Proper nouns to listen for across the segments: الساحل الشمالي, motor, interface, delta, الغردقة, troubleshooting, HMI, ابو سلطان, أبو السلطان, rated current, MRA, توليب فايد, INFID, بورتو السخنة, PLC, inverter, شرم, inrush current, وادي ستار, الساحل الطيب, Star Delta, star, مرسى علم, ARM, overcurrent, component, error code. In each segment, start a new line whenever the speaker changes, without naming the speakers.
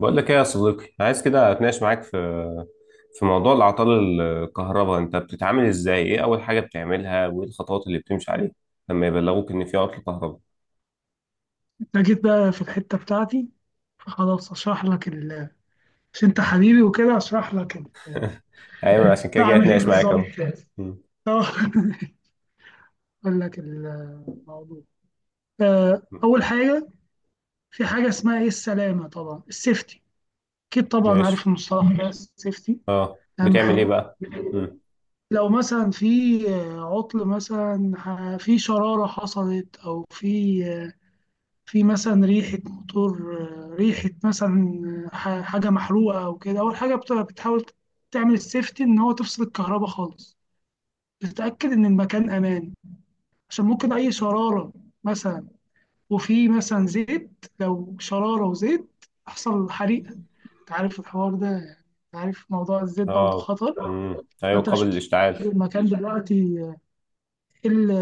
بقول لك ايه يا صديقي، عايز كده اتناقش معاك في موضوع الاعطال الكهرباء. انت بتتعامل ازاي؟ ايه اول حاجه بتعملها وايه الخطوات اللي بتمشي عليها لما يبلغوك ان في عطل كهرباء؟
أنا جيت بقى في الحتة بتاعتي، فخلاص عشان أنت حبيبي وكده
ايوه، عشان كده جاي
بعمل إيه
اتناقش معاك
بالظبط؟
اهو. مم.
آه، أقول لك الموضوع. أول حاجة، في حاجة اسمها إيه، السلامة، طبعا السيفتي، أكيد طبعا عارف
ماشي.
المصطلح ده، السيفتي.
اه،
أهم
بتعمل ايه
حاجة،
بقى؟ مم.
لو مثلا في عطل مثلا، في شرارة حصلت، أو في مثلا ريحة موتور، ريحة مثلا حاجة محروقة أو كده، أول حاجة بتحاول تعمل السيفتي، إن هو تفصل الكهرباء خالص، تتأكد إن المكان أمان، عشان ممكن أي شرارة مثلا، وفي مثلا زيت، لو شرارة وزيت يحصل حريقة. أنت عارف الحوار ده، يعني أنت عارف موضوع الزيت برضه
اه.
خطر.
مم. ايوه،
فأنت مش
قابل للاشتعال.
متأكد المكان دلوقتي، ايه اللي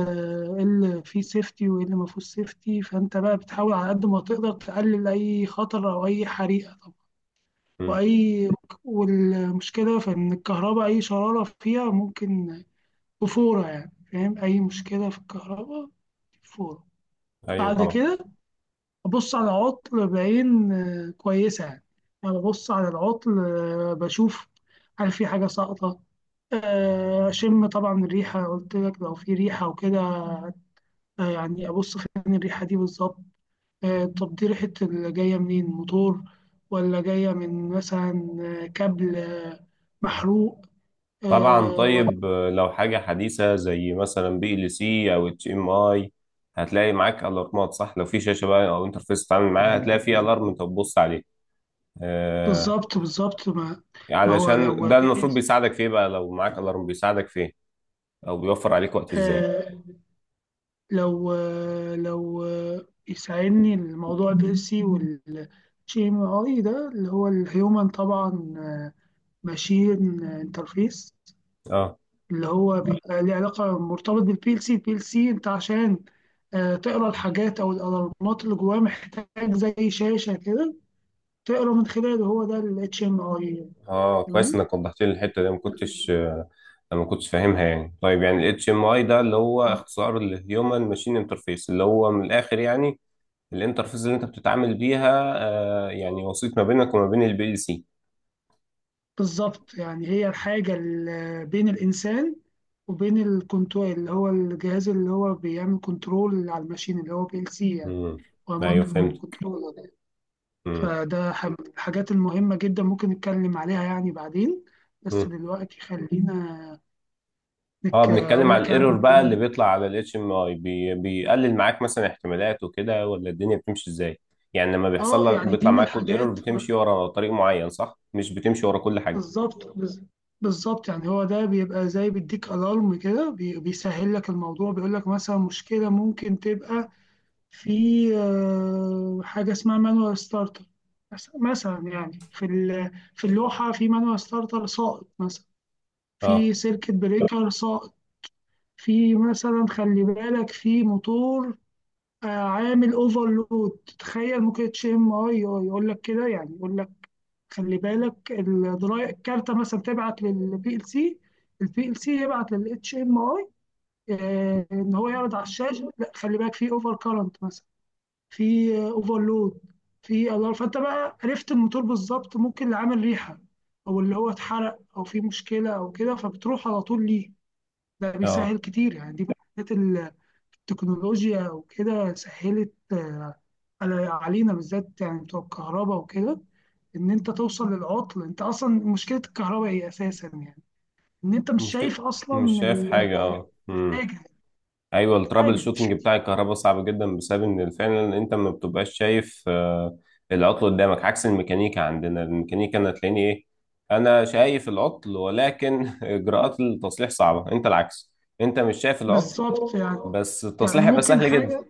إيه اللي فيه سيفتي وايه اللي ما فيهوش سيفتي. فانت بقى بتحاول على قد ما تقدر تقلل اي خطر او اي حريقه طبعا.
مم.
واي والمشكله في ان الكهرباء، اي شراره فيها ممكن بفوره، يعني فاهم، اي مشكله في الكهرباء فوره.
ايوه
بعد
طبعا.
كده ابص على عطل بعين كويسه يعني، انا ببص على العطل بشوف هل في حاجه ساقطه، اشم طبعا الريحه، قلت لك لو في ريحه وكده، يعني أبص فين الريحة دي بالظبط، طب دي ريحة اللي جاية منين، موتور ولا جاية من مثلا كابل محروق،
طبعا.
آه، ولا
طيب، لو حاجه حديثه زي مثلا بي ال سي او اتش ام اي، هتلاقي معاك الارمات، صح؟ لو في شاشه بقى او انترفيس تتعامل معاها، هتلاقي في الارم انت بتبص عليه. آه،
بالظبط. ما هو
علشان
لو
ده المفروض بيساعدك في ايه بقى؟ لو معاك الارم بيساعدك في ايه او بيوفر عليك وقت ازاي؟
آه، لو يساعدني، الموضوع بيرسي، والجي ام اي ده اللي هو الهيومن طبعا ماشين انترفيس،
اه.
اللي هو بيبقى ليه علاقة مرتبط بالبي ال سي. البي ال سي انت عشان تقرا الحاجات او الالارمات اللي جواه، محتاج زي شاشة كده تقرا من خلاله، هو ده ال HMI.
اه، كويس
تمام.
انك وضحت لي الحته دي، ما كنتش آه، ما كنتش فاهمها يعني. طيب، يعني الاتش ام اي ده اللي هو
آه،
اختصار الهيومن ماشين انترفيس، اللي هو من الاخر يعني الانترفيس اللي انت بتتعامل بيها، آه، يعني وسيط ما بينك وما بين البي ال سي.
بالظبط، يعني هي الحاجة اللي بين الإنسان وبين الكنترول، اللي هو الجهاز اللي هو بيعمل كنترول على الماشين، اللي هو بي ال سي يعني.
امم.
هو
ايوه،
مايكرو
فهمت.
كنترولر يعني.
امم.
فده الحاجات المهمة جدا، ممكن نتكلم عليها يعني بعدين، بس دلوقتي خلينا
اه،
انك
بنتكلم
اقول
على
لك
الايرور
يعني.
بقى اللي بيطلع على الاتش ام اي. بيقلل معاك مثلا احتمالات وكده، ولا الدنيا بتمشي ازاي؟ يعني لما بيحصل
اه،
لك
يعني
بيطلع
دي من
معاك كود ايرور،
الحاجات.
بتمشي ورا طريق معين، صح؟ مش بتمشي ورا كل حاجه.
بالظبط بز- بالظبط يعني، هو ده بيبقى زي بيديك الارم كده، بيسهل لك الموضوع، بيقول لك مثلا مشكله ممكن تبقى في حاجه اسمها مانوال ستارتر مثلا، يعني في اللوحه في مانوال ستارتر ساقط مثلا،
اه.
في سيركت بريكر ساقط، في مثلا خلي بالك في موتور عامل اوفرلود، تخيل ممكن تشم، يقول لك كده يعني، يقول لك خلي بالك الدراي، الكارتة مثلا تبعت للبي ال سي، البي ال سي يبعت للاتش ام اي، ان هو يعرض على الشاشة، لا خلي بالك في اوفر كارنت مثلا، في اوفرلود، في الار. فانت بقى عرفت الموتور بالظبط، ممكن اللي عامل ريحة او اللي هو اتحرق او في مشكلة او كده، فبتروح على طول ليه. ده
اه،
بيسهل كتير يعني، دي من الحاجات، التكنولوجيا وكده سهلت علينا بالذات، يعني بتوع الكهرباء وكده، ان انت توصل للعطل. انت اصلا مشكله الكهرباء ايه اساسا يعني، ان انت مش
مشكله.
شايف
مش
اصلا
شايف حاجه. اه. امم.
الحاجه،
ايوه، الترابل
الحاجه مش-
شوتنج بتاع الكهرباء صعب جدا، بسبب ان فعلا انت ما بتبقاش شايف العطل قدامك، عكس الميكانيكا. عندنا الميكانيكا انا تلاقيني ايه؟ انا شايف العطل، ولكن اجراءات التصليح صعبه. انت العكس، انت مش شايف العطل،
بالظبط يعني.
بس التصليح
يعني
هيبقى
ممكن
سهل جدا.
حاجه،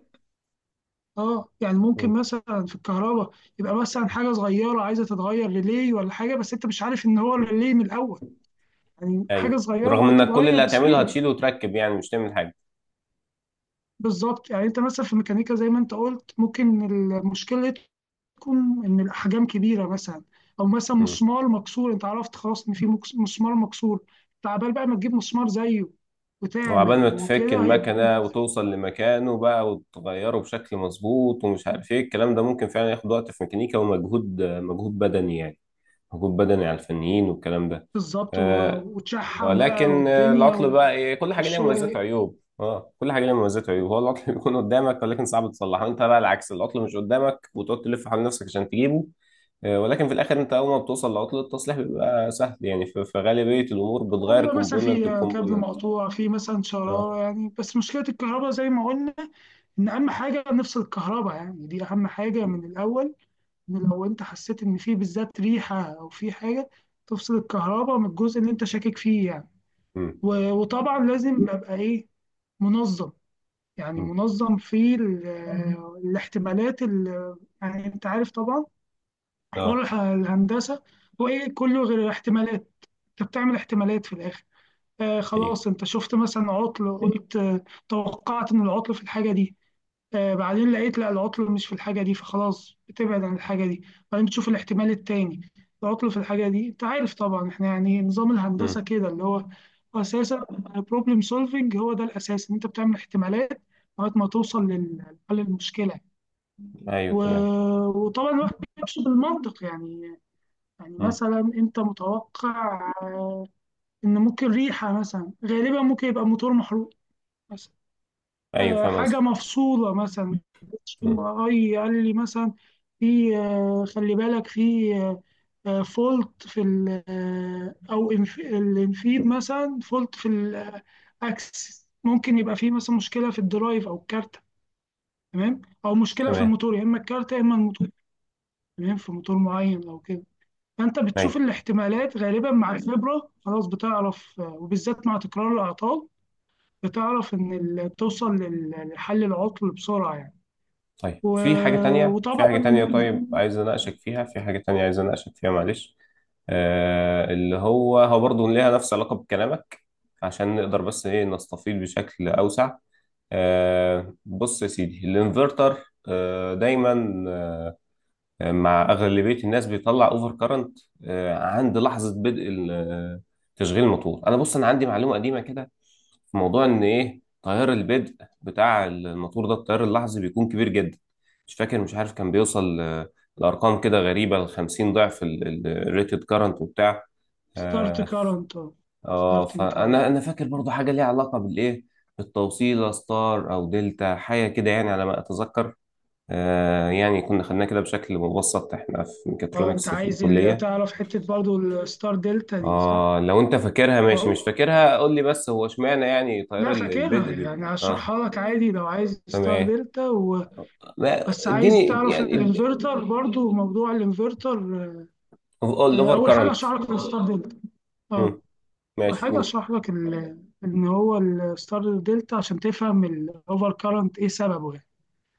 اه يعني ممكن
مم.
مثلا في الكهرباء يبقى مثلا حاجه صغيره عايزه تتغير، ريلي ولا حاجه، بس انت مش عارف ان هو ريلي من الاول، يعني حاجه
ايوه،
صغيره
رغم
ممكن
انك كل
تتغير
اللي هتعمله
بسهوله.
هتشيله وتركب، يعني مش تعمل حاجه.
بالظبط، يعني انت مثلا في الميكانيكا زي ما انت قلت، ممكن المشكله تكون ان الاحجام كبيره مثلا، او مثلا
مم.
مسمار مكسور، انت عرفت خلاص ان في مسمار مكسور، تعبان بقى، ما تجيب مسمار زيه
وعبال
وتعمل
ما تفك
وكده. هي
المكنه وتوصل لمكانه بقى وتغيره بشكل مظبوط ومش عارف ايه الكلام ده، ممكن فعلا ياخد وقت في ميكانيكا، ومجهود، مجهود بدني يعني. مجهود بدني على الفنيين والكلام ده.
بالظبط،
آه.
وتشحم بقى
ولكن
والدنيا
العطل بقى ايه؟ كل حاجه ليها مميزات
والشغل،
وعيوب. اه، كل حاجه ليها مميزات وعيوب. هو العطل بيكون قدامك ولكن صعب تصلحه. انت بقى العكس، العطل مش قدامك وتقعد تلف حول نفسك عشان تجيبه، ولكن في الاخر انت اول ما بتوصل لعطل التصليح بيبقى سهل، يعني في غالبيه الامور
أو
بتغير
بيبقى مثلا في
كومبوننت
كابل
بكومبوننت.
مقطوع، في مثلا
اه.
شرارة يعني. بس مشكلة الكهرباء زي ما قلنا، إن أهم حاجة نفصل الكهرباء، يعني دي أهم حاجة من الأول، ان لو انت حسيت ان في بالذات ريحه او في حاجه، تفصل الكهرباء من الجزء اللي انت شاكك فيه يعني.
امم.
وطبعا لازم ابقى ايه، منظم، يعني
أمم.
منظم في الاحتمالات يعني. انت عارف طبعا حوار
اه.
الهندسه، هو ايه؟ كله غير الاحتمالات، انت بتعمل احتمالات في الاخر. آه
ايوه.
خلاص، انت شفت مثلا عطل، قلت توقعت ان العطل في الحاجه دي، بعدين لقيت لا، العطل مش في الحاجة دي، فخلاص بتبعد عن الحاجة دي، بعدين بتشوف الاحتمال التاني، العطل في الحاجة دي. انت عارف طبعا احنا يعني، نظام الهندسة
امم.
كده اللي هو، هو اساسا بروبلم سولفنج. هو ده الاساس، ان انت بتعمل احتمالات لغاية ما توصل لحل المشكلة.
ايوه تمام.
وطبعا الواحد بيمشي بالمنطق يعني، يعني
امم.
مثلا انت متوقع ان ممكن ريحة مثلا، غالبا ممكن يبقى موتور محروق مثلا،
ايوه، فاهم
حاجة
قصدي.
مفصولة مثلا، ام
امم.
ار اي قال لي مثلا، في خلي بالك في فولت في ال آه، او الانفيد مثلا فولت في الاكسس، ممكن يبقى في مثلا مشكلة في الدرايف او الكارتة، تمام، او مشكلة في
تمام.
الموتور، يا اما الكارتة يا اما الموتور، تمام، في موتور معين لو كده. فانت بتشوف
ايوه.
الاحتمالات، غالبا مع الخبرة خلاص بتعرف وبالذات مع تكرار الاعطال بتعرف ان توصل لحل العطل بسرعة يعني.
طيب،
و...
في حاجه تانية، في
وطبعا
حاجه تانية، طيب عايز اناقشك فيها، في حاجه تانية عايز اناقشك فيها، معلش، آه اللي هو هو برضه ليها نفس علاقه بكلامك، عشان نقدر بس ايه نستفيض بشكل اوسع. آه، بص يا سيدي، الانفرتر آه دايما آه، مع اغلبيه الناس بيطلع اوفر كارنت عند لحظه بدء تشغيل الموتور. انا بص، انا عندي معلومه قديمه كده في موضوع ان ايه تيار البدء بتاع الموتور ده، التيار اللحظي بيكون كبير جدا. مش فاكر، مش عارف، كان بيوصل لارقام كده غريبه، ل 50 ضعف الريتد كارنت وبتاع.
ستارت
اه.
كارنت، اه.
آه،
ستارتنج كارنت.
فانا انا فاكر برضو حاجه ليها علاقه بالايه، بالتوصيله، ستار او دلتا، حاجه كده يعني على ما اتذكر. يعني كنا خدناها كده بشكل مبسط احنا في
اه، انت
ميكاترونكس في
عايز
الكلية.
تعرف حته برضو الستار دلتا دي صح؟
اه لو انت فاكرها ماشي، مش
و-
فاكرها قول لي. بس هو اشمعنى يعني تيار
لا فاكرها،
البدء
يعني
بيبقى اه؟
هشرحها لك عادي لو عايز، ستار
تمام.
دلتا بس عايز
اديني
تعرف
يعني
الانفرتر برضو، موضوع الانفرتر.
الاوفر
اول حاجه
كارنت.
هشرح لك الستار دلتا. اه، اول
ماشي،
حاجه
قول.
ان هو الستار دلتا، عشان تفهم الاوفر كارنت ايه سببه يعني.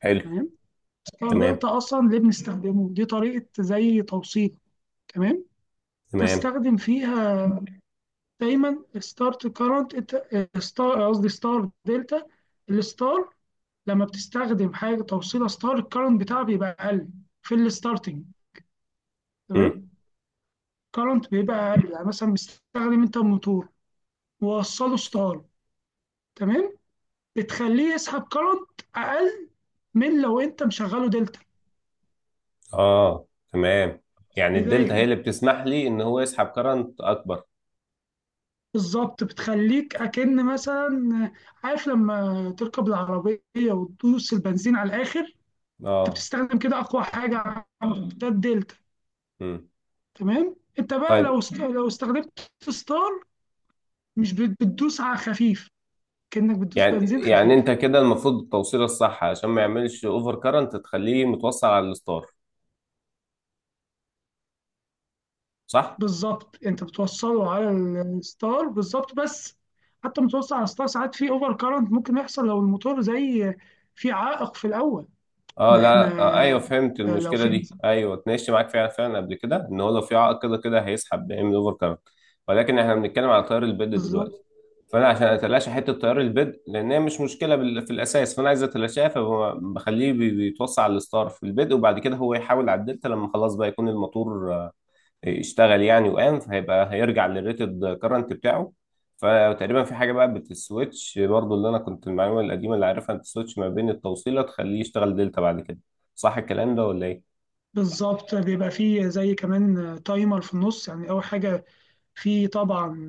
حلو.
تمام.
تمام.
فالدلتا اصلا ليه بنستخدمه؟ دي طريقه زي توصيل، تمام،
تمام.
تستخدم فيها دايما ستارت كارنت. ستار قصدي، ستار دلتا. الستار لما بتستخدم حاجه، توصيله ستار، الكارنت بتاعها بيبقى اقل، في الستارتنج،
مم.
تمام، كارنت بيبقى اقل، يعني مثلا مستخدم انت الموتور ووصله ستار، تمام، بتخليه يسحب كارنت اقل من لو انت مشغله دلتا
اه تمام.
في
يعني الدلتا هي
البدايه.
اللي بتسمح لي ان هو يسحب كارنت اكبر.
بالظبط، بتخليك أكن مثلا، عارف لما تركب العربية وتدوس البنزين على الآخر، أنت
اه.
بتستخدم كده أقوى حاجة عندك، ده الدلتا.
مم.
تمام، أنت بقى لو
طيب،
استخدمت ستار، مش بتدوس على خفيف، كأنك بتدوس
يعني
بنزين
انت
خفيف.
كده المفروض التوصيله الصح عشان ما يعملش اوفر كارنت تخليه متوصل على الستار، صح؟
بالظبط، أنت بتوصله على الستار، بالظبط، بس حتى متوصل على الستار ساعات في أوفر كارنت ممكن يحصل، لو الموتور زي في عائق في الأول.
اه
ما
لا
إحنا
آه ايوه، فهمت
لو
المشكله
في،
دي. ايوه اتناقشت معاك فعلا، فعلا قبل كده، ان هو لو في عائق كده كده هيسحب، بيعمل اوفر كارنت، ولكن احنا بنتكلم على تيار البيد دلوقتي.
بالظبط
فانا عشان اتلاشى حته تيار البيد، لان هي مش مشكله في الاساس، فانا عايز اتلاشاها، فبخليه بيتوصل على الستار في البيد، وبعد كده هو يحاول على الدلتا لما خلاص بقى يكون الموتور اشتغل يعني وقام، فهيبقى هيرجع للريتد كرنت بتاعه. فتقريبا في حاجه بقى بتسويتش برضو، اللي انا كنت المعلومه القديمه اللي عارفها، بتسويتش ما بين التوصيله، تخليه يشتغل دلتا بعد كده، صح الكلام ده ولا ايه؟
بالظبط، بيبقى فيه زي كمان تايمر في النص، يعني أول حاجة فيه طبعا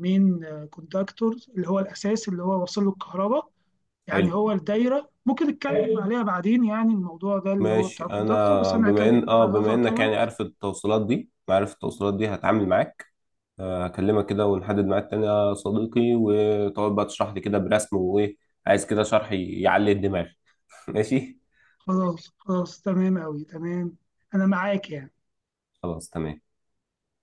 مين، كوندكتور، اللي هو الأساس اللي هو واصل له الكهرباء، يعني
حلو.
هو الدايرة، ممكن نتكلم عليها بعدين، يعني الموضوع ده اللي هو
ماشي،
بتاع الكوندكتور، بس
انا
أنا
بما
هكلم
ان اه
على
بما
الأوفر
انك
كمان.
يعني عارف التوصيلات دي، عارف التوصيلات دي هتعامل معاك، هكلمك كده ونحدد ميعاد تاني يا صديقي، وتقعد بقى تشرح لي كده برسم وايه. عايز كده شرح يعلي الدماغ. ماشي.
خلاص خلاص، تمام أوي تمام، أنا معاك يعني.
خلاص تمام.